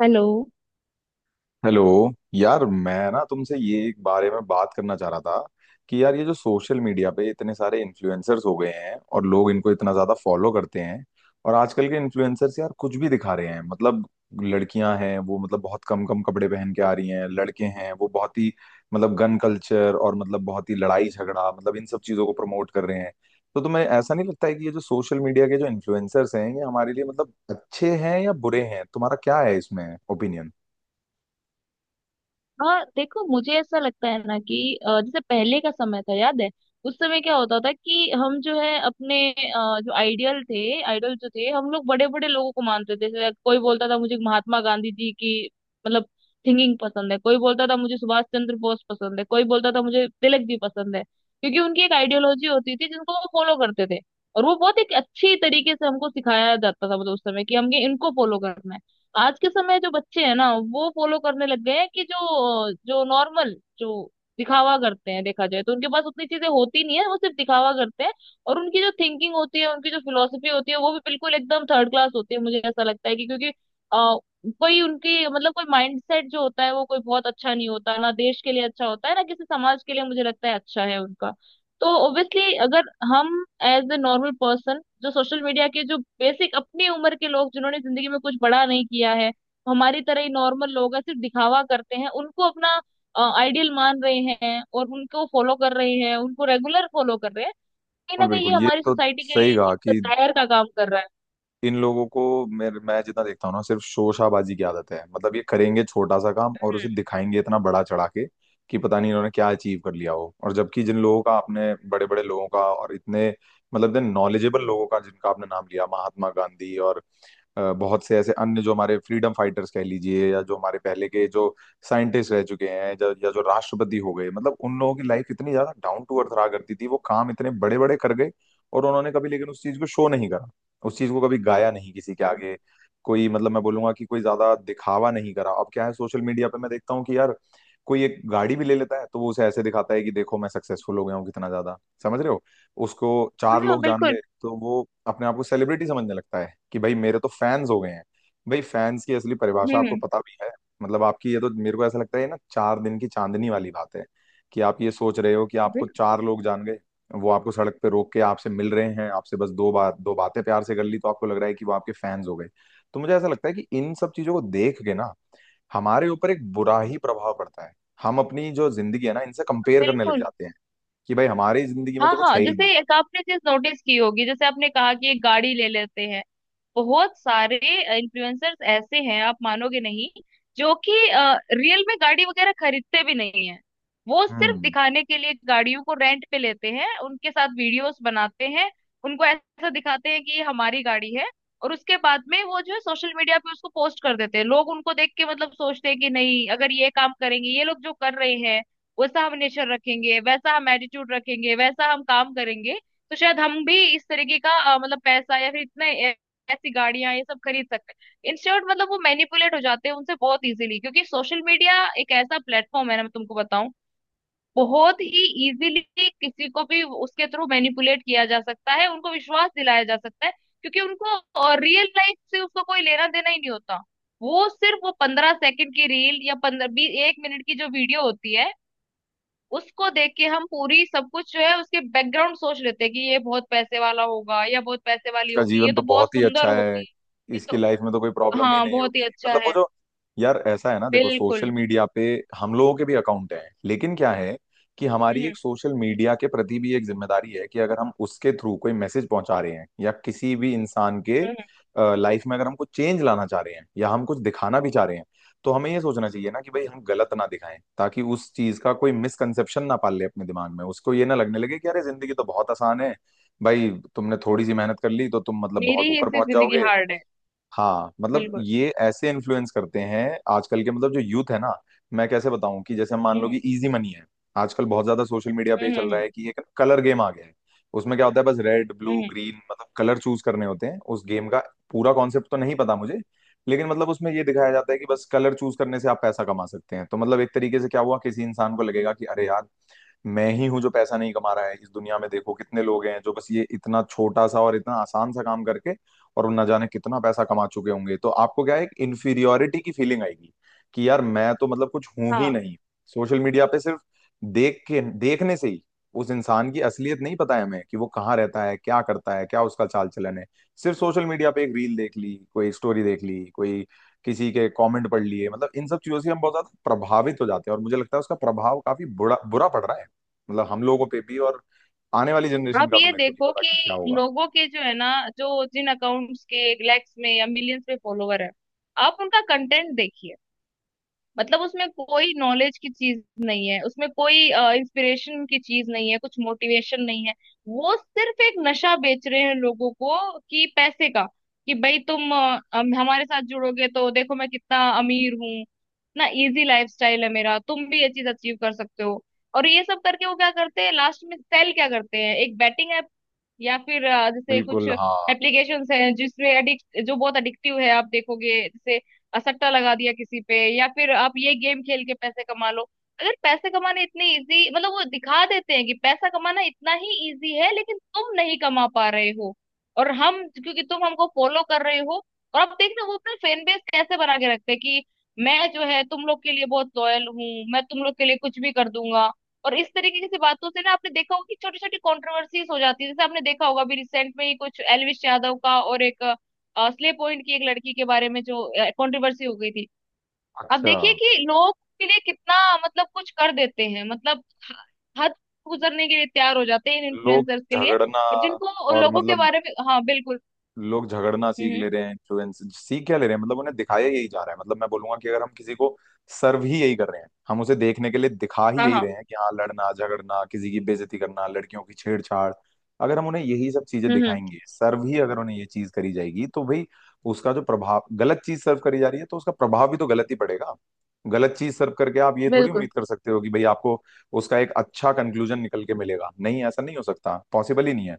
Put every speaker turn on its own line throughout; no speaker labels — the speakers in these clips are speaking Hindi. हेलो।
हेलो। यार मैं ना तुमसे ये एक बारे में बात करना चाह रहा था कि यार ये जो सोशल मीडिया पे इतने सारे इन्फ्लुएंसर्स हो गए हैं और लोग इनको इतना ज्यादा फॉलो करते हैं। और आजकल के इन्फ्लुएंसर्स यार कुछ भी दिखा रहे हैं, मतलब लड़कियां हैं वो, मतलब बहुत कम कम कपड़े पहन के आ रही हैं, लड़के हैं वो बहुत ही मतलब गन कल्चर और मतलब बहुत ही लड़ाई झगड़ा, मतलब इन सब चीजों को प्रमोट कर रहे हैं। तो तुम्हें ऐसा नहीं लगता है कि ये जो सोशल मीडिया के जो इन्फ्लुएंसर्स हैं ये हमारे लिए मतलब अच्छे हैं या बुरे हैं? तुम्हारा क्या है इसमें ओपिनियन?
हाँ देखो, मुझे ऐसा लगता है ना कि जैसे पहले का समय था याद है। उस समय क्या होता था कि हम जो है अपने जो आइडियल थे आइडल जो थे, हम लोग बड़े बड़े लोगों को मानते थे। जैसे कोई बोलता था मुझे महात्मा गांधी जी की मतलब थिंकिंग पसंद है, कोई बोलता था मुझे सुभाष चंद्र बोस पसंद है, कोई बोलता था मुझे तिलक जी पसंद है, क्योंकि उनकी एक आइडियोलॉजी होती थी जिनको वो फॉलो करते थे। और वो बहुत एक अच्छी तरीके से हमको सिखाया जाता था मतलब उस समय, कि हमें इनको फॉलो करना है। आज के समय जो बच्चे हैं ना, वो फॉलो करने लग गए हैं कि जो जो नॉर्मल जो दिखावा करते हैं, देखा जाए तो उनके पास उतनी चीजें होती नहीं है, वो सिर्फ दिखावा करते हैं। और उनकी जो थिंकिंग होती है, उनकी जो फिलोसफी होती है, वो भी बिल्कुल एकदम थर्ड क्लास होती है। मुझे ऐसा लगता है कि क्योंकि आ, कोई उनकी मतलब कोई माइंडसेट जो होता है वो कोई बहुत अच्छा नहीं होता, ना देश के लिए अच्छा होता है ना किसी समाज के लिए। मुझे लगता है अच्छा है उनका। तो ऑब्वियसली अगर हम एज ए नॉर्मल पर्सन, जो सोशल मीडिया के जो बेसिक अपनी उम्र के लोग जिन्होंने जिंदगी में कुछ बड़ा नहीं किया है, हमारी तरह ही नॉर्मल लोग हैं, सिर्फ दिखावा करते हैं, उनको अपना आइडियल मान रहे हैं और उनको फॉलो कर रहे हैं, उनको रेगुलर फॉलो कर रहे हैं, कहीं ना
बिल्कुल
कहीं ये
बिल्कुल, ये
हमारी
तो
सोसाइटी के लिए
सही कहा।
एक
कि
दायर का काम कर रहा है।
इन लोगों को, मेरे मैं जितना देखता हूँ ना, सिर्फ शोशाबाजी की आदत है। मतलब ये करेंगे छोटा सा काम और उसे दिखाएंगे इतना बड़ा चढ़ा के कि पता नहीं इन्होंने क्या अचीव कर लिया हो। और जबकि जिन लोगों का आपने, बड़े बड़े लोगों का और इतने मतलब इतने नॉलेजेबल लोगों का जिनका आपने नाम लिया, महात्मा गांधी और बहुत से ऐसे अन्य जो हमारे फ्रीडम फाइटर्स कह लीजिए या जो हमारे पहले के जो साइंटिस्ट रह चुके हैं, जो, या जो राष्ट्रपति हो गए, मतलब उन लोगों की लाइफ इतनी ज्यादा डाउन टू अर्थ रहा करती थी, वो काम इतने बड़े बड़े कर गए। और उन्होंने कभी लेकिन उस चीज को शो नहीं करा, उस चीज को कभी गाया नहीं किसी के आगे। कोई मतलब मैं बोलूंगा कि कोई ज्यादा दिखावा नहीं करा। अब क्या है सोशल मीडिया पे मैं देखता हूँ कि यार कोई एक गाड़ी भी ले लेता है तो वो उसे ऐसे दिखाता है कि देखो मैं सक्सेसफुल हो गया हूँ कितना ज्यादा। समझ रहे हो उसको? चार
हम्म, हाँ
लोग जान
बिल्कुल।
गए तो वो अपने आप को सेलिब्रिटी समझने लगता है कि भाई मेरे तो फैंस हो गए हैं। भाई फैंस की असली परिभाषा आपको
हम्म।
पता भी है? मतलब आपकी, ये तो मेरे को ऐसा लगता है ये ना चार दिन की चांदनी वाली बात है। कि आप ये सोच रहे हो कि आपको
बिल्कुल
चार लोग जान गए, वो आपको सड़क पे रोक के आपसे मिल रहे हैं, आपसे बस दो बातें प्यार से कर ली तो आपको लग रहा है कि वो आपके फैंस हो गए। तो मुझे ऐसा लगता है कि इन सब चीजों को देख के ना हमारे ऊपर एक बुरा ही प्रभाव पड़ता है। हम अपनी जो जिंदगी है ना इनसे कंपेयर करने लग
बिल्कुल।
जाते हैं कि भाई हमारी जिंदगी में
हाँ
तो कुछ
हाँ,
है ही
जैसे
नहीं।
एक आपने चीज नोटिस की होगी, जैसे आपने कहा कि एक गाड़ी ले लेते हैं। बहुत सारे इन्फ्लुएंसर्स ऐसे हैं आप मानोगे नहीं, जो कि रियल में गाड़ी वगैरह खरीदते भी नहीं है। वो सिर्फ
हम्म,
दिखाने के लिए गाड़ियों को रेंट पे लेते हैं, उनके साथ वीडियोस बनाते हैं, उनको ऐसा दिखाते हैं कि ये हमारी गाड़ी है। और उसके बाद में वो जो है सोशल मीडिया पे उसको पोस्ट कर देते हैं। लोग उनको देख के मतलब सोचते हैं कि नहीं, अगर ये काम करेंगे ये लोग जो कर रहे हैं, वैसा हम नेचर रखेंगे, वैसा हम एटीट्यूड रखेंगे, वैसा हम काम करेंगे, तो शायद हम भी इस तरीके का मतलब पैसा या फिर इतने ऐसी गाड़ियां ये सब खरीद सकते हैं इंस्टेंट। मतलब वो मैनिपुलेट हो जाते हैं उनसे बहुत इजीली, क्योंकि सोशल मीडिया एक ऐसा प्लेटफॉर्म है ना, मैं तुमको बताऊं, बहुत ही इजीली किसी को भी उसके थ्रू मैनिपुलेट किया जा सकता है, उनको विश्वास दिलाया जा सकता है, क्योंकि उनको रियल लाइफ से उसको कोई लेना देना ही नहीं होता। वो सिर्फ वो पंद्रह सेकंड की रील या पंद्रह बीस एक मिनट की जो वीडियो होती है, उसको देख के हम पूरी सब कुछ जो है उसके बैकग्राउंड सोच लेते हैं कि ये बहुत पैसे वाला होगा या बहुत पैसे वाली
इसका
होगी, ये
जीवन तो
तो बहुत
बहुत ही
सुंदर
अच्छा है।
होगी, ये
इसकी
तो।
लाइफ में तो कोई प्रॉब्लम ही
हाँ
नहीं
बहुत ही
होगी,
अच्छा
मतलब वो
है।
जो, यार ऐसा है ना, देखो,
बिल्कुल।
सोशल मीडिया पे हम लोगों के भी अकाउंट हैं लेकिन क्या है कि
हम्म
हमारी एक
हम्म
सोशल मीडिया के प्रति भी एक जिम्मेदारी है कि अगर हम उसके थ्रू कोई मैसेज पहुंचा रहे हैं या किसी भी इंसान के
हम्म, हम्म।
लाइफ में अगर हम कुछ चेंज लाना चाह रहे हैं या हम कुछ दिखाना भी चाह रहे हैं, तो हमें ये सोचना चाहिए ना कि भाई हम गलत ना दिखाएं, ताकि उस चीज का कोई मिसकंसेप्शन ना पाल ले अपने दिमाग में, उसको ये ना लगने लगे कि अरे जिंदगी तो बहुत आसान है। भाई तुमने थोड़ी सी मेहनत कर ली तो तुम मतलब
मेरी
बहुत
ही
ऊपर
इससे
पहुंच
जिंदगी
जाओगे।
हार्ड है।
हाँ मतलब
बिल्कुल।
ये ऐसे इन्फ्लुएंस करते हैं आजकल के, मतलब जो यूथ है ना। मैं कैसे बताऊं कि जैसे मान लो कि
हम्म
इजी मनी है। आजकल बहुत ज्यादा सोशल मीडिया पे
हम्म
ये चल
हम्म
रहा
हम्म
है कि एक कलर गेम आ गया है। उसमें क्या होता है बस रेड
हम्म,
ब्लू
हम्म।
ग्रीन मतलब कलर चूज करने होते हैं उस गेम का। पूरा कॉन्सेप्ट तो नहीं पता मुझे। लेकिन मतलब उसमें ये दिखाया जाता है कि बस कलर चूज करने से आप पैसा कमा सकते हैं। तो मतलब एक तरीके से क्या हुआ, किसी इंसान को लगेगा कि अरे यार मैं ही हूँ जो पैसा नहीं कमा रहा है इस दुनिया में, देखो कितने लोग हैं जो बस ये इतना छोटा सा और इतना आसान सा काम करके, और वो न जाने कितना पैसा कमा चुके होंगे। तो आपको क्या है, एक इन्फीरियोरिटी की फीलिंग आएगी कि यार मैं तो मतलब कुछ हूं ही
हाँ,
नहीं। सोशल मीडिया पे सिर्फ देख के, देखने से ही उस इंसान की असलियत नहीं पता है हमें कि वो कहाँ रहता है, क्या करता है, क्या उसका चाल चलन है। सिर्फ सोशल मीडिया पे एक रील देख ली, कोई स्टोरी देख ली, कोई किसी के कमेंट पढ़ लिए, मतलब इन सब चीजों से हम बहुत ज्यादा प्रभावित हो जाते हैं और मुझे लगता है उसका प्रभाव काफी बुरा बुरा पड़ रहा है। मतलब हम लोगों पे भी, और आने वाली जनरेशन
आप
का तो
ये
मेरे को नहीं
देखो
पता
कि
कि क्या होगा।
लोगों के जो है ना, जो जिन अकाउंट्स के लैक्स में या मिलियंस में फॉलोवर है, आप उनका कंटेंट देखिए, मतलब उसमें कोई नॉलेज की चीज नहीं है, उसमें कोई इंस्पिरेशन की चीज नहीं है, कुछ मोटिवेशन नहीं है। वो सिर्फ एक नशा बेच रहे हैं लोगों को, कि पैसे का, कि भाई तुम हमारे साथ जुड़ोगे तो देखो मैं कितना अमीर हूँ, इतना इजी लाइफस्टाइल है मेरा, तुम भी ये चीज अचीव कर सकते हो। और ये सब करके वो क्या करते हैं लास्ट में, सेल क्या करते हैं, एक बैटिंग ऐप या फिर जैसे कुछ
बिल्कुल, हाँ,
एप्लीकेशंस हैं जिसमें एडिक्ट, जो बहुत एडिक्टिव है आप देखोगे। सट्टा लगा दिया किसी पे या फिर आप ये गेम खेल के पैसे कमा लो। अगर पैसे कमाने इतने इजी, मतलब वो दिखा देते हैं कि पैसा कमाना इतना ही इजी है लेकिन तुम नहीं कमा पा रहे हो, और हम, क्योंकि तुम हमको फॉलो कर रहे हो। और आप देख रहे हो वो अपना फैन बेस कैसे बना के रखते हैं, कि मैं जो है तुम लोग के लिए बहुत लॉयल हूँ, मैं तुम लोग के लिए कुछ भी कर दूंगा। और इस तरीके की सी बातों से ना, आपने देखा होगा कि छोटी छोटी कॉन्ट्रोवर्सीज हो जाती है। जैसे आपने देखा होगा अभी रिसेंट में ही कुछ एलविश यादव का और एक स्ले पॉइंट की एक लड़की के बारे में जो कंट्रोवर्सी हो गई थी। अब
अच्छा।
देखिए कि लोग के लिए कितना मतलब कुछ कर देते हैं, मतलब हद गुजरने के लिए तैयार हो जाते हैं इन
लोग
इन्फ्लुएंसर्स के लिए।
झगड़ना
और जिनको
और
लोगों के
मतलब
बारे में, हाँ बिल्कुल।
लोग झगड़ना
हम्म
सीख
हम्म,
ले रहे हैं, इन्फ्लुएंस सीख क्या ले रहे हैं, मतलब उन्हें दिखाया यही जा रहा है। मतलब मैं बोलूंगा कि अगर हम किसी को सर्व ही यही कर रहे हैं, हम उसे देखने के लिए दिखा ही
हाँ
यही
हाँ।
रहे हैं कि हाँ लड़ना झगड़ना, किसी की बेइज्जती करना, लड़कियों की छेड़छाड़, अगर हम उन्हें यही सब चीजें
हम्म हम्म,
दिखाएंगे, सर्व ही अगर उन्हें ये चीज करी जाएगी तो भाई उसका जो प्रभाव, गलत चीज सर्व करी जा रही है तो उसका प्रभाव भी तो गलत ही पड़ेगा। गलत चीज सर्व करके आप ये थोड़ी
बिल्कुल।
उम्मीद कर सकते हो कि भाई आपको उसका एक अच्छा कंक्लूजन निकल के मिलेगा, नहीं ऐसा नहीं हो सकता, पॉसिबल ही नहीं है।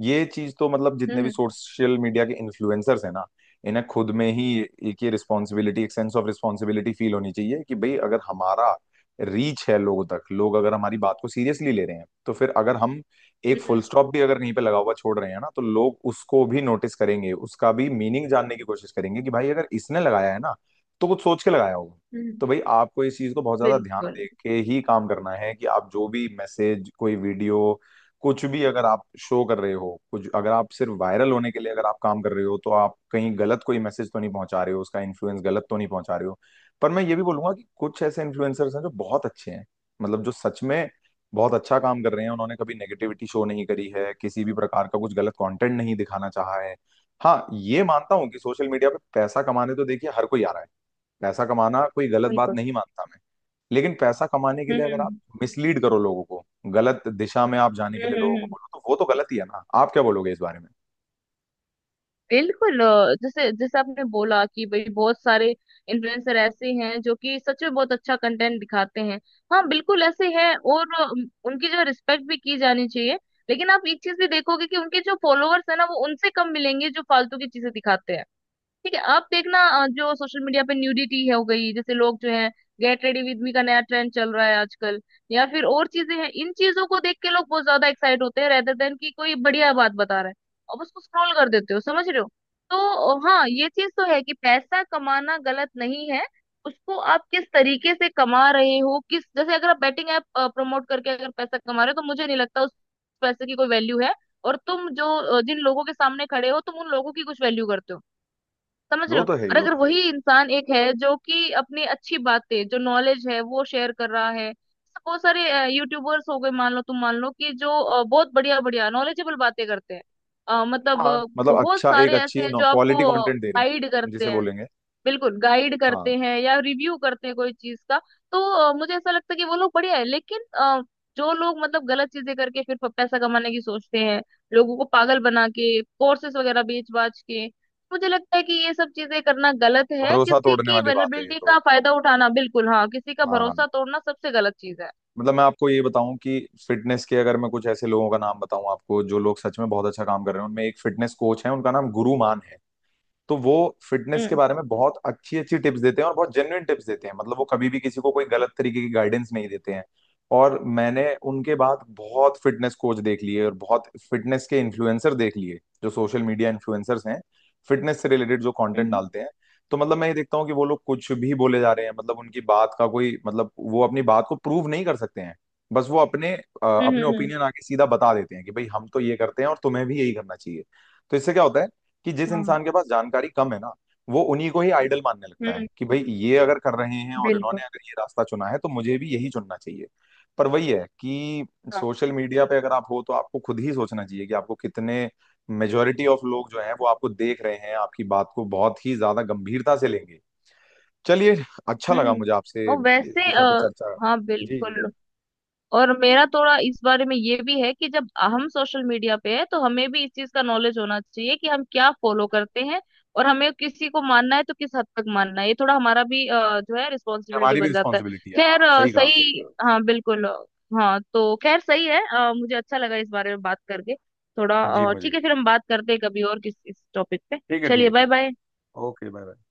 ये चीज तो, मतलब जितने
हम्म
भी
हम्म
सोशल मीडिया के इन्फ्लुएंसर्स हैं ना, इन्हें खुद में ही एक ये रिस्पॉन्सिबिलिटी, एक सेंस ऑफ रिस्पॉन्सिबिलिटी फील होनी चाहिए कि भाई अगर हमारा रीच है लोगों तक, लोग अगर हमारी बात को सीरियसली ले रहे हैं तो फिर अगर हम एक फुल
हम्म
स्टॉप भी अगर कहीं पे लगा हुआ छोड़ रहे हैं ना तो लोग उसको भी नोटिस करेंगे, उसका भी मीनिंग जानने की कोशिश करेंगे कि भाई अगर इसने लगाया है ना तो कुछ सोच के लगाया होगा।
हम्म,
तो भाई आपको इस चीज को बहुत ज्यादा ध्यान
बिल्कुल
दे के ही काम करना है कि आप जो भी मैसेज, कोई वीडियो, कुछ भी अगर आप शो कर रहे हो, कुछ अगर आप सिर्फ वायरल होने के लिए अगर आप काम कर रहे हो तो आप कहीं गलत कोई मैसेज तो नहीं पहुंचा रहे हो, उसका इन्फ्लुएंस गलत तो नहीं पहुंचा रहे हो। पर मैं ये भी बोलूंगा कि कुछ ऐसे इन्फ्लुएंसर्स हैं जो बहुत अच्छे हैं, मतलब जो सच में बहुत अच्छा काम कर रहे हैं, उन्होंने कभी नेगेटिविटी शो नहीं करी है, किसी भी प्रकार का कुछ गलत कंटेंट नहीं दिखाना चाहा है। हाँ ये मानता हूँ कि सोशल मीडिया पे पैसा कमाने तो देखिए हर कोई आ रहा है। पैसा कमाना कोई गलत बात
बिल्कुल।
नहीं मानता मैं। लेकिन पैसा कमाने के लिए
हम्म
अगर आप
हम्म
मिसलीड करो लोगों को, गलत दिशा में आप जाने के
हम्म
लिए लोगों
हम्म
को
हम्म।
बोलो, तो वो तो गलत ही है ना, आप क्या बोलोगे इस बारे में?
बिल्कुल। जैसे जैसे आपने बोला कि भाई बहुत सारे इन्फ्लुएंसर ऐसे हैं जो कि सच में बहुत अच्छा कंटेंट दिखाते हैं। हाँ बिल्कुल ऐसे हैं, और उनकी जो रिस्पेक्ट भी की जानी चाहिए। लेकिन आप एक चीज भी देखोगे कि उनके जो फॉलोअर्स है ना, वो उनसे कम मिलेंगे जो फालतू की चीजें दिखाते हैं। ठीक है, आप देखना जो सोशल मीडिया पे न्यूडिटी है हो गई, जैसे लोग जो है गेट रेडी विद मी का नया ट्रेंड चल रहा है आजकल, या फिर और चीजें हैं, इन चीजों को देख के लोग बहुत ज्यादा एक्साइट होते हैं, रेदर देन कि कोई बढ़िया बात बता रहा है और उसको स्क्रॉल कर देते हो, समझ रहे हो। तो हाँ ये चीज तो है कि पैसा कमाना गलत नहीं है, उसको आप किस तरीके से कमा रहे हो। किस, जैसे अगर आप बैटिंग ऐप प्रमोट करके अगर पैसा कमा रहे हो तो मुझे नहीं लगता उस पैसे की कोई वैल्यू है, और तुम जो जिन लोगों के सामने खड़े हो तुम उन लोगों की कुछ वैल्यू करते हो, समझ रहे
वो
हो।
तो है ही,
और
वो
अगर
तो है ही।
वही इंसान एक है जो कि अपनी अच्छी बातें, जो नॉलेज है वो शेयर कर रहा है, जैसे बहुत सारे यूट्यूबर्स हो गए, मान लो तुम मान लो कि जो बहुत बढ़िया बढ़िया नॉलेजेबल बातें करते हैं। अ, मतलब
हाँ
अ,
मतलब
बहुत
अच्छा, एक
सारे ऐसे
अच्छी
हैं जो आपको
क्वालिटी कंटेंट दे रहे
गाइड
हैं जिसे
करते हैं,
बोलेंगे।
बिल्कुल गाइड
हाँ,
करते हैं, या रिव्यू करते हैं कोई चीज का। तो मुझे ऐसा लगता है कि वो लोग बढ़िया है, लेकिन जो लोग मतलब गलत चीजें करके फिर पैसा कमाने की सोचते हैं, लोगों को पागल बना के कोर्सेस वगैरह बेच बाच के, मुझे लगता है कि ये सब चीजें करना गलत है,
भरोसा
किसी
तोड़ने
की
वाली बात है ये
वेनेबिलिटी
तो।
का फायदा उठाना, बिल्कुल, हाँ, किसी का
हाँ,
भरोसा तोड़ना सबसे गलत चीज है।
मतलब मैं आपको ये बताऊं कि फिटनेस के अगर मैं कुछ ऐसे लोगों का नाम बताऊं आपको, जो लोग सच में बहुत अच्छा काम कर रहे हैं, उनमें एक फिटनेस कोच है, उनका नाम गुरु मान है। तो वो फिटनेस के
हम्म
बारे में बहुत अच्छी अच्छी टिप्स देते हैं और बहुत जेन्युइन टिप्स देते हैं, मतलब वो कभी भी किसी को कोई गलत तरीके की गाइडेंस नहीं देते हैं। और मैंने उनके बाद बहुत फिटनेस कोच देख लिए और बहुत फिटनेस के इन्फ्लुएंसर देख लिए जो सोशल मीडिया इन्फ्लुएंसर्स हैं, फिटनेस से रिलेटेड जो कंटेंट
हम्म
डालते हैं। तो मतलब मैं ये देखता हूँ कि वो लोग कुछ भी बोले जा रहे हैं, मतलब उनकी बात का कोई मतलब, वो अपनी बात को प्रूव नहीं कर सकते हैं। बस वो अपने
हम्म
अपने
हम्म हम्म,
ओपिनियन आके सीधा बता देते हैं कि भाई हम तो ये करते हैं और तुम्हें भी यही करना चाहिए। तो इससे क्या होता है कि जिस
हाँ।
इंसान के पास जानकारी कम है ना, वो उन्हीं को ही आइडल मानने लगता है
हम्म,
कि भाई ये अगर कर रहे हैं और
बिल्कुल
इन्होंने अगर ये रास्ता चुना है तो मुझे भी यही चुनना चाहिए। पर वही है कि
हाँ।
सोशल मीडिया पे अगर आप हो तो आपको खुद ही सोचना चाहिए कि आपको कितने, मेजोरिटी ऑफ लोग जो हैं वो आपको देख रहे हैं, आपकी बात को बहुत ही ज्यादा गंभीरता से लेंगे। चलिए, अच्छा लगा मुझे आपसे
हम्म, और
इस
वैसे
विषय पे चर्चा।
हाँ
जी जी
बिल्कुल।
जी।
और मेरा थोड़ा इस बारे में ये भी है कि जब हम सोशल मीडिया पे है तो हमें भी इस चीज का नॉलेज होना चाहिए कि हम क्या फॉलो करते हैं, और हमें किसी को मानना है तो किस हद तक मानना है, ये थोड़ा हमारा भी जो है रिस्पॉन्सिबिलिटी
हमारी भी
बन जाता है।
रिस्पॉन्सिबिलिटी है, हाँ,
खैर
सही कहा सही
सही,
कहा।
हाँ बिल्कुल। हाँ तो खैर सही है, मुझे अच्छा लगा इस बारे में बात करके थोड़ा।
जी मुझे
ठीक है,
भी।
फिर हम बात करते हैं कभी और किस इस टॉपिक पे।
ठीक है ठीक
चलिए
है
बाय
ठीक
बाय।
है, ओके, बाय बाय।